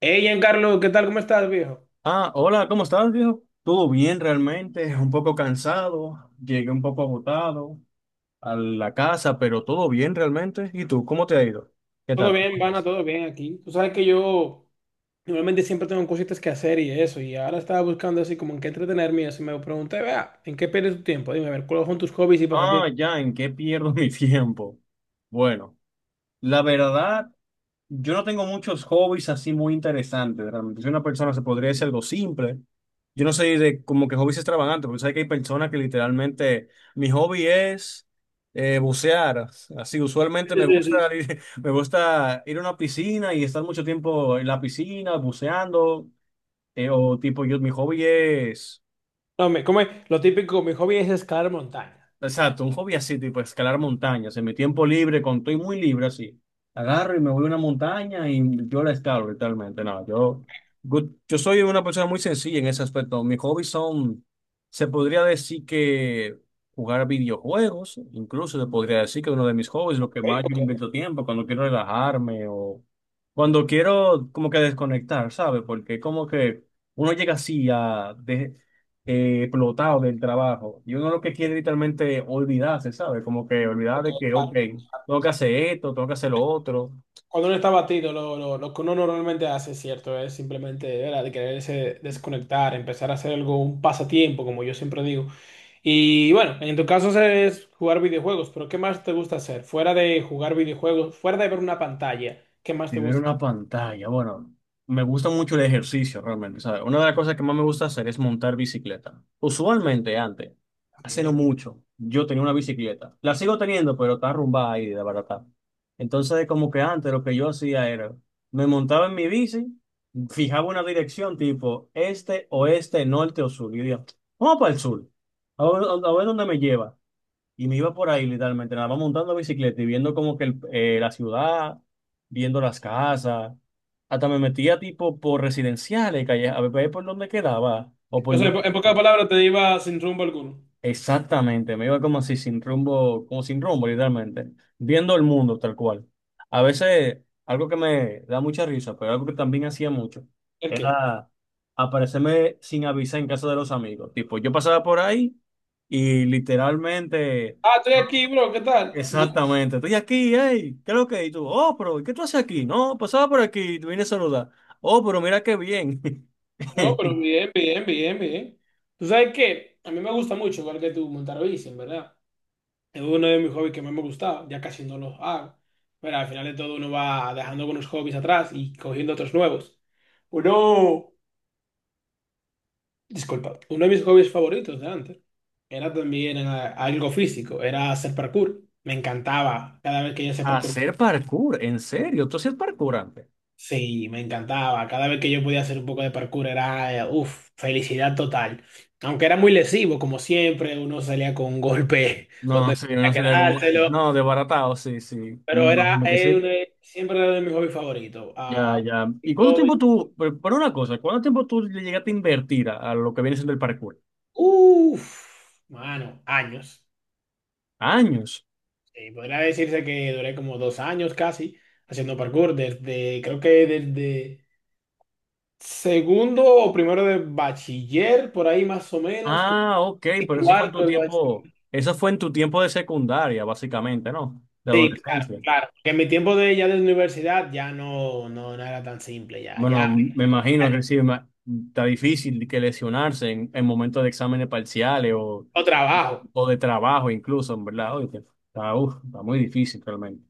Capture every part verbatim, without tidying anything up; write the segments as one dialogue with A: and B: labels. A: Hey, Giancarlo, ¿qué tal? ¿Cómo estás, viejo?
B: Ah, hola, ¿cómo estás, viejo? Todo bien realmente, un poco cansado, llegué un poco agotado a la casa, pero todo bien realmente. ¿Y tú, cómo te ha ido? ¿Qué
A: Todo
B: tal? ¿Cómo
A: bien, Vana,
B: estás?
A: todo bien aquí. Tú sabes que yo normalmente siempre tengo cositas que hacer y eso, y ahora estaba buscando así como en qué entretenerme y eso, y me pregunté, vea, ¿en qué pierdes tu tiempo? Dime, a ver, ¿cuáles son tus hobbies y
B: Ah,
A: pasatiempos?
B: ya, ¿en qué pierdo mi tiempo? Bueno, la verdad. Yo no tengo muchos hobbies así muy interesantes, realmente. Soy una persona, se podría decir algo simple. Yo no soy de como que hobbies extravagantes, porque sabes que hay personas que literalmente, mi hobby es eh, bucear. Así, usualmente
A: Sí,
B: me
A: sí,
B: gusta
A: sí, sí.
B: ir, me gusta ir a una piscina y estar mucho tiempo en la piscina buceando. Eh, o tipo, yo, mi hobby es.
A: No, me, como es- lo típico, mi hobby es escalar montaña.
B: Exacto, un hobby así, tipo escalar montañas. En mi tiempo libre, cuando estoy muy libre, así, agarro y me voy a una montaña y yo la escalo literalmente. No, yo, good- yo soy una persona muy sencilla en ese aspecto. Mis hobbies son, se podría decir que jugar videojuegos, incluso se podría decir que uno de mis hobbies, lo que
A: Ok,
B: más yo le
A: ok,
B: invento tiempo, cuando quiero relajarme o cuando quiero como que desconectar, ¿sabes? Porque como que uno llega así a, de- eh, explotado del trabajo. Y uno lo que quiere literalmente olvidarse, ¿sabes? Como que olvidar
A: ok,
B: de que, ok,
A: claro.
B: tengo que hacer esto, tengo que hacer lo otro.
A: Cuando uno está batido, lo, lo- lo que uno normalmente hace, cierto, es simplemente, ¿verdad?, de quererse desconectar, empezar a hacer algo, un pasatiempo, como yo siempre digo. Y bueno, en tu caso es jugar videojuegos, pero ¿qué más te gusta hacer? Fuera de jugar videojuegos, fuera de ver una pantalla, ¿qué más
B: De
A: te
B: ver
A: gusta
B: una pantalla, bueno, me gusta mucho el ejercicio realmente, ¿sabes? Una de las cosas que más me gusta hacer es montar bicicleta. Usualmente antes, hace no
A: hacer?
B: mucho, yo tenía una bicicleta. La sigo teniendo, pero está arrumbada ahí, de barata. Entonces, como que antes lo que yo hacía era, me montaba en mi bici, fijaba una dirección tipo este, oeste, norte o sur. Y yo decía, vamos para el sur, a ver, a ver dónde me lleva. Y me iba por ahí literalmente, nada más montando bicicleta y viendo como que el- eh, la ciudad, viendo las casas. Hasta me metía tipo por residenciales, calle, a ver por dónde quedaba o
A: O
B: por
A: sea, en
B: dónde
A: po- en pocas
B: quedaba.
A: palabras te iba sin rumbo alguno.
B: Exactamente, me iba como así sin rumbo, como sin rumbo literalmente, viendo el mundo tal cual. A veces, algo que me da mucha risa, pero algo que también hacía mucho,
A: ¿El qué?
B: era aparecerme sin avisar en casa de los amigos. Tipo, yo pasaba por ahí y literalmente...
A: Ah, estoy aquí, bro, ¿qué tal? Ya.
B: Exactamente. Estoy aquí, hey, ¿qué es lo que? Y tú, oh, pero ¿y qué tú haces aquí? No, pasaba por aquí, y te vine a saludar. Oh, pero mira qué bien.
A: No, pero bien, bien, bien, bien. ¿Tú sabes qué? A mí me gusta mucho, igual que tú, montar bici, en verdad. Es uno de mis hobbies que más me gustaba, ya casi no los hago. Pero al final de todo uno va dejando algunos hobbies atrás y cogiendo otros nuevos. Uno, disculpa, uno de mis hobbies favoritos de antes era también eh, algo físico, era hacer parkour. Me encantaba cada vez que yo hacía parkour.
B: Hacer parkour, ¿en serio? ¿Tú hacías parkour antes?
A: Sí, me encantaba. Cada vez que yo podía hacer un poco de parkour era, uff, felicidad total. Aunque era muy lesivo, como siempre, uno salía con un golpe
B: No,
A: donde
B: sí, no
A: tenía que
B: sería como...
A: dárselo.
B: No, desbaratado, sí, sí. Me
A: Pero era
B: imagino que
A: eh,
B: sí.
A: de- siempre era de mis hobbies favoritos.
B: Ya,
A: Ah,
B: ya.
A: mi
B: ¿Y cuánto
A: hobby-
B: tiempo tú, pero pero una cosa, cuánto tiempo tú le llegaste a invertir a, a lo que viene siendo el parkour?
A: Uf, mano, años.
B: Años.
A: Sí, podría decirse que duré como dos años casi haciendo parkour, desde, creo que desde segundo o primero de bachiller, por ahí más o menos, como
B: Ah, ok, pero eso fue en tu
A: cuarto de
B: tiempo,
A: bachiller.
B: eso fue en tu tiempo de secundaria, básicamente, ¿no? De
A: Sí, claro,
B: adolescencia.
A: claro. Que en mi tiempo de ya de universidad ya no, no, no era tan simple, ya,
B: Bueno,
A: ya,
B: me
A: ya
B: imagino que sí, ma- está difícil que lesionarse en, en momentos de exámenes parciales o,
A: tengo trabajo.
B: o de trabajo incluso, en verdad. Oye, está, uf, está muy difícil realmente.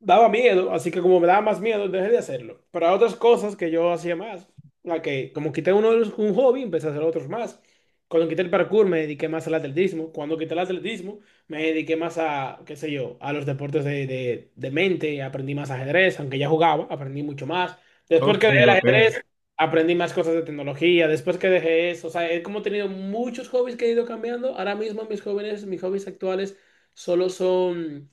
A: Daba miedo, así que como me daba más miedo, dejé de hacerlo. Pero hay otras cosas que yo hacía más, la que como quité uno de los- un hobby, empecé a hacer otros más. Cuando quité el parkour me dediqué más al atletismo. Cuando quité el atletismo me dediqué más a, qué sé yo, a los deportes de, de, de mente. Aprendí más ajedrez, aunque ya jugaba, aprendí mucho más. Después
B: Ok,
A: que dejé el
B: ok.
A: ajedrez, aprendí más cosas de tecnología. Después que dejé eso, o sea, he como tenido muchos hobbies que he ido cambiando. Ahora mismo mis jóvenes, mis hobbies actuales solo son...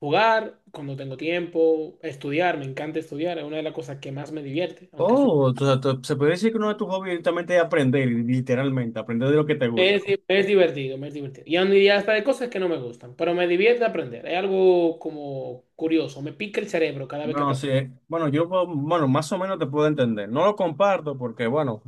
A: Jugar cuando tengo tiempo, estudiar, me encanta estudiar, es una de las cosas que más me divierte, aunque suene-
B: Oh, o sea, tú- se puede decir que uno de tus hobbies directamente es aprender, literalmente, aprender de lo que te gusta,
A: es,
B: ¿no?
A: di- es divertido, me es divertido. Y aún diría hasta de cosas que no me gustan, pero me divierte aprender, es algo como curioso, me pica el cerebro cada vez que
B: No, sí,
A: aprendo.
B: eh, bueno, yo, puedo- bueno, más o menos te puedo entender. No lo comparto porque, bueno,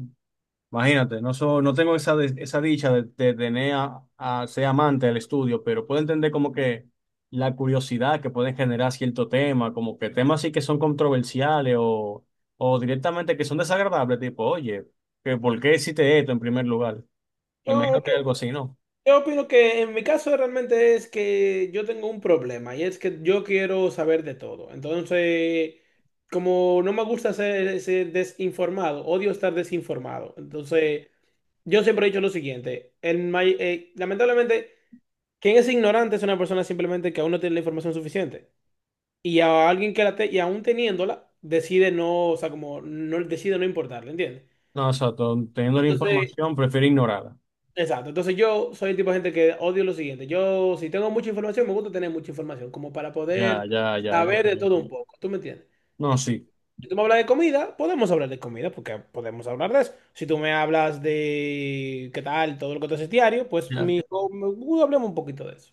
B: imagínate, no, so- no tengo esa, de- esa dicha de, de tener a, a ser amante del estudio, pero puedo entender como que la curiosidad que pueden generar cierto tema, como que temas sí que son controversiales o, o directamente que son desagradables, tipo, oye, que ¿por qué hiciste esto en primer lugar? Me
A: Yo,
B: imagino que
A: que-
B: algo así, ¿no?
A: yo opino que en mi caso realmente es que yo tengo un problema y es que yo quiero saber de todo. Entonces, como no me gusta ser, ser desinformado, odio estar desinformado. Entonces, yo siempre he dicho lo siguiente, el may- eh, lamentablemente... Quien es ignorante es una persona simplemente que aún no tiene la información suficiente. Y a alguien que la te- y aún teniéndola, decide no, o sea, como no decide no importarle, ¿entiendes?
B: No, exacto, teniendo la
A: Entonces,
B: información, prefiero ignorarla.
A: exacto. Entonces yo soy el tipo de gente que odio lo siguiente. Yo, si tengo mucha información, me gusta tener mucha información, como para
B: Ya,
A: poder
B: ya, ya. Ok,
A: saber de todo un
B: ok.
A: poco. ¿Tú me entiendes?
B: No, sí.
A: Si tú me hablas de comida, podemos hablar de comida, porque podemos hablar de eso. Si tú me hablas de qué tal, todo lo que tú haces diario, pues mi, hablemos un poquito de eso.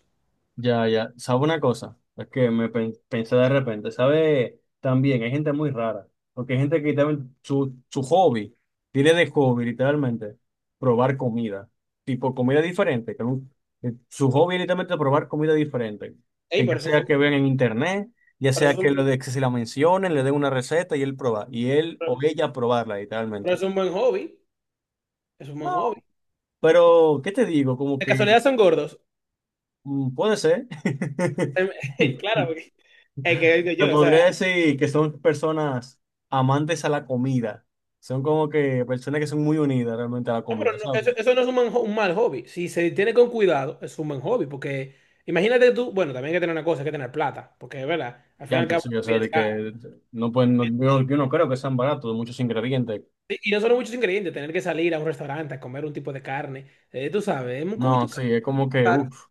B: Ya, ya. ¿Sabe una cosa? Es que me pen- pensé de repente. ¿Sabe? También hay gente muy rara. Porque hay gente que también su, su hobby, tiene de hobby literalmente probar comida. Tipo comida diferente. Que nu- que su hobby es literalmente probar comida diferente.
A: Ey,
B: Que
A: por
B: ya
A: eso
B: sea
A: son,
B: que vean en internet, ya
A: por eso
B: sea que,
A: son-
B: lo de, que se la mencionen, le den una receta y él proba. Y él o ella probarla
A: pero
B: literalmente.
A: es un buen hobby. Es un
B: No,
A: buen hobby.
B: pero ¿qué te digo? Como
A: De
B: que
A: casualidad son gordos.
B: mm, puede ser.
A: Claro, porque es que digo
B: Te
A: yo, o sea,
B: podría decir que son personas amantes a la comida. Son como que personas que son muy unidas realmente a la
A: no, pero
B: comida,
A: no,
B: ¿sabes?
A: eso, eso no es un, man- un mal hobby. Si se tiene con cuidado, es un buen hobby. Porque imagínate tú, bueno, también hay que tener una cosa, hay que tener plata. Porque, ¿verdad?, al
B: Ya
A: fin y al
B: entre
A: cabo,
B: sí,
A: la
B: o sea,
A: comida es
B: de
A: cara.
B: que no pueden, no, yo, yo no creo que sean baratos, muchos ingredientes.
A: Sí, y no son muchos ingredientes, tener que salir a un restaurante a comer un tipo de carne. Eh, tú sabes, es un
B: No,
A: cubito
B: sí, es como que,
A: caro.
B: uff,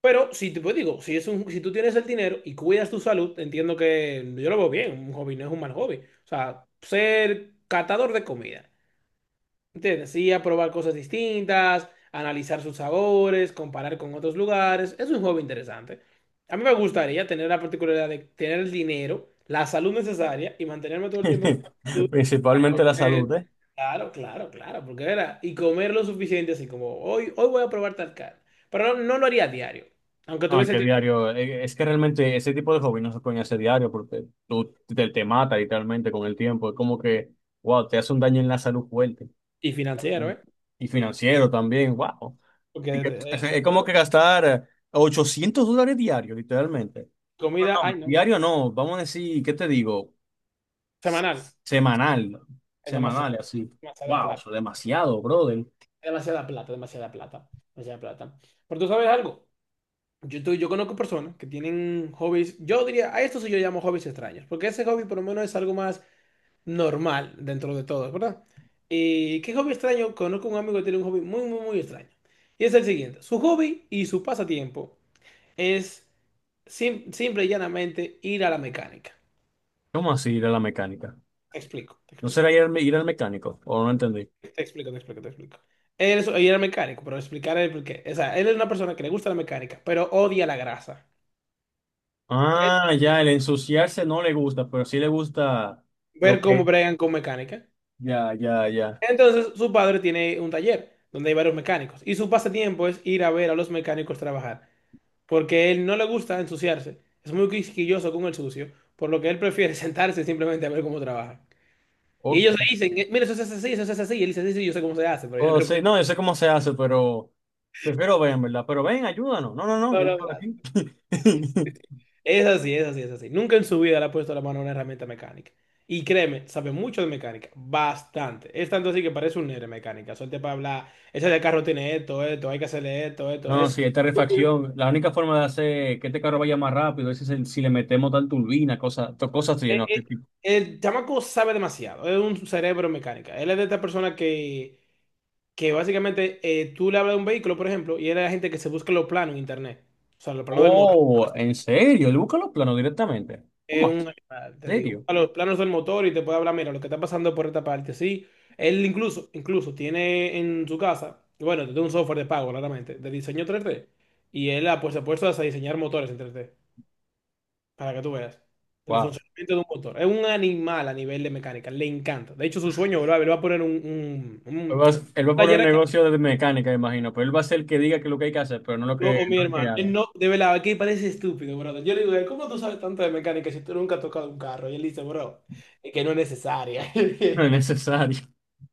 A: Pero si te pues digo, si es un, si tú tienes el dinero y cuidas tu salud, entiendo que yo lo veo bien. Un hobby no es un mal hobby. O sea, ser catador de comida. ¿Entiendes? Sí, a probar cosas distintas, analizar sus sabores, comparar con otros lugares. Es un juego interesante. A mí me gustaría tener la particularidad de tener el dinero, la salud necesaria y mantenerme todo el tiempo con salud. A
B: principalmente la
A: correr.
B: salud, ¿eh?
A: Claro, claro, claro, porque era, y comer lo suficiente, así como hoy, hoy voy a probar tal carne. Pero no, no lo haría a diario, aunque
B: No,
A: tuviese
B: que
A: tiempo
B: diario, eh, es que realmente ese tipo de hobby no se pueden hacer diario porque tú te, te mata literalmente con el tiempo. Es como que, wow, te hace un daño en la salud fuerte.
A: y financiero,
B: ¿No?
A: ¿eh?
B: Y financiero también, wow. Y
A: Porque
B: que- Es
A: eh,
B: es como
A: yo-
B: que gastar eh, ochocientos dólares diarios, literalmente.
A: comida, ay, no,
B: Diario no, vamos a decir, ¿qué te digo? S-
A: semanal,
B: Semanal,
A: es
B: semanal,
A: demasiado,
B: así.
A: demasiada
B: Wow,
A: plata.
B: eso es demasiado, brother.
A: Demasiada plata, demasiada plata, demasiada plata. Pero tú sabes algo, yo, tú- yo conozco personas que tienen hobbies, yo diría, a esto sí yo llamo hobbies extraños, porque ese hobby por lo menos es algo más normal dentro de todo, ¿verdad? ¿Y qué hobby extraño? Conozco un amigo que tiene un hobby muy, muy, muy extraño. Y es el siguiente, su hobby y su pasatiempo es sim- simple y llanamente ir a la mecánica.
B: ¿Cómo así ir a la mecánica?
A: Te explico, te
B: ¿No
A: explico.
B: será ir al, me- ir al mecánico? ¿O no entendí?
A: Te explico, te explico, te explico. Él, es- él era mecánico, pero explicaré el porqué. O sea, él es una persona que le gusta la mecánica, pero odia la grasa.
B: Ah, ya, el ensuciarse no le gusta, pero sí le gusta lo
A: Ver cómo
B: que...
A: bregan con mecánica.
B: Ya, ya, ya.
A: Entonces, su padre tiene un taller donde hay varios mecánicos. Y su pasatiempo es ir a ver a los mecánicos trabajar. Porque él no le gusta ensuciarse. Es muy quisquilloso con el sucio. Por lo que él prefiere sentarse simplemente a ver cómo trabajan. Y
B: Ok.
A: ellos le dicen: "Eh, mira, eso se hace así, eso se hace así". Y él dice: "Sí, sí, yo sé cómo se hace, pero yo no
B: O
A: creo".
B: sea, no, yo sé cómo se hace, pero prefiero ven, ¿verdad? Pero ven, ayúdanos. No, no, no,
A: No,
B: yo me
A: no,
B: quedo aquí.
A: gracias. Es así, es así, es así. Nunca en su vida le ha puesto la mano a una herramienta mecánica. Y créeme, sabe mucho de mecánica, bastante. Es tanto así que parece un nerd de mecánica. Suelte para hablar, ese de carro tiene esto, esto, hay que hacerle esto, esto.
B: No, sí,
A: Es,
B: esta
A: súper-
B: refacción, la única forma de hacer que este carro vaya más rápido es si, si le metemos tal turbina, cosas, to- cosas así,
A: Eh,
B: ¿no?
A: eh,
B: Tipo.
A: el chamaco sabe demasiado, es un cerebro mecánica. Él es de esta persona que, que básicamente eh, tú le hablas de un vehículo, por ejemplo, y él es la gente que se busca los planos en internet. O sea, los planos del motor.
B: Oh, ¿en serio? Él busca los planos directamente.
A: Es
B: ¿Cómo
A: un
B: así?
A: animal, te
B: ¿En
A: digo.
B: serio?
A: A los planos del motor y te puede hablar, mira, lo que está pasando por esta parte, sí. Él incluso, incluso tiene en su casa, bueno, tiene un software de pago, claramente, de diseño tres D. Y él ha, pues, se ha puesto a diseñar motores en tres D, para que tú veas. El
B: Wow.
A: funcionamiento de un motor. Es un animal a nivel de mecánica, le encanta. De hecho, su sueño, bro, él va a poner un, un,
B: Él
A: un
B: va, a él va a poner
A: taller
B: un
A: aquí,
B: negocio de mecánica, imagino, pero él va a ser el que diga que es lo que hay que hacer, pero no lo
A: yo
B: que,
A: o mi
B: no el que
A: hermano. Él
B: haga.
A: no, de verdad, aquí parece estúpido, brother. Yo le digo: "¿Cómo tú sabes tanto de mecánica si tú nunca has tocado un carro?". Y él dice: "Bro, es que no es necesaria".
B: No es necesario.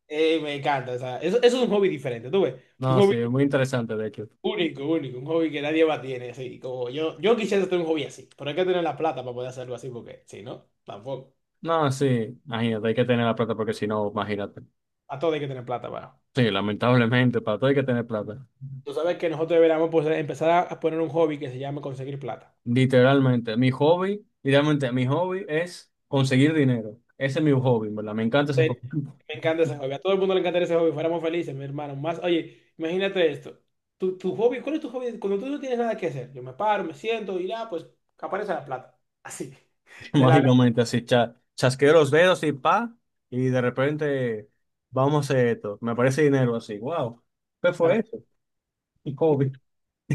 A: Eh, me encanta, o sea, eso, eso es un hobby diferente, tú ves. Un
B: No,
A: hobby
B: sí, es muy interesante, de hecho.
A: único, único, un hobby que nadie más tiene, así. Como yo, yo quisiera tener un hobby así, pero hay que tener la plata para poder hacerlo así, porque si no, tampoco.
B: No, sí, imagínate, hay que tener la plata porque si no, imagínate.
A: A todo hay que tener plata para.
B: Sí, lamentablemente, para todo hay que tener plata.
A: Tú sabes que nosotros deberíamos, pues, empezar a, a poner un hobby que se llama conseguir plata.
B: Literalmente, mi hobby, literalmente, mi hobby es conseguir dinero. Ese es mi hobby, en ¿verdad? Me encanta ese
A: Eh,
B: hobby.
A: Me encanta ese hobby, a todo el mundo le encantaría ese hobby, fuéramos felices, mi hermano. Más, oye, imagínate esto. Tu, tu hobby, ¿cuál es tu hobby? Cuando tú no tienes nada que hacer, yo me paro, me siento y ya, pues aparece la plata. Así, de la
B: Mágicamente, así, cha- chasqueo los dedos y pa, y de repente, vamos a hacer esto. Me aparece dinero así, wow. ¿Qué fue
A: nada.
B: eso? Mi hobby,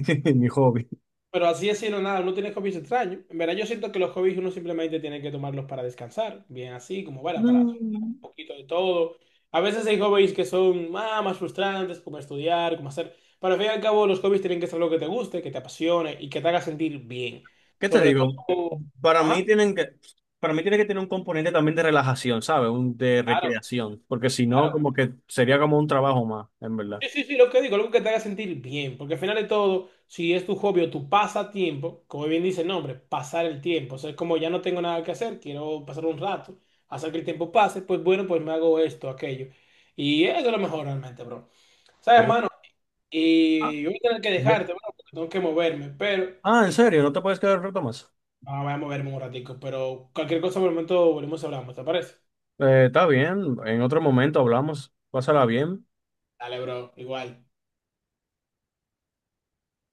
B: mi hobby.
A: Pero así es decirlo, nada, uno tiene hobbies extraños. En verdad, yo siento que los hobbies uno simplemente tiene que tomarlos para descansar, bien así, como bueno, para soltar
B: Mm,
A: un poquito de todo. A veces hay hobbies que son ah, más frustrantes, como estudiar, como hacer. Pero al fin y al cabo, los hobbies tienen que ser lo que te guste, que te apasione y que te haga sentir bien.
B: ¿qué te
A: Sobre
B: digo?
A: todo,
B: Para
A: ajá,
B: mí tienen que, para mí tiene que tener un componente también de relajación, ¿sabes? Un de
A: claro,
B: recreación, porque si no,
A: claro.
B: como que sería como un trabajo más, en verdad.
A: Sí, sí, sí, lo que digo, algo que te haga sentir bien, porque al final de todo, si es tu hobby o tu pasatiempo, como bien dice el nombre, pasar el tiempo, o sea, es como ya no tengo nada que hacer, quiero pasar un rato, hacer que el tiempo pase, pues bueno, pues me hago esto, aquello. Y eso es lo mejor realmente, bro. ¿Sabes,
B: Oh.
A: hermano?
B: Ah,
A: Y yo voy a tener que dejarte, bro, porque tengo que moverme, pero...
B: ah, ¿en
A: y-
B: serio? ¿No te puedes quedar un rato más?
A: Ah, voy a moverme un ratico, pero cualquier cosa por el momento volvemos y hablamos, ¿te parece?
B: Eh, está bien, en otro momento hablamos. Pásala bien.
A: Dale, bro, igual.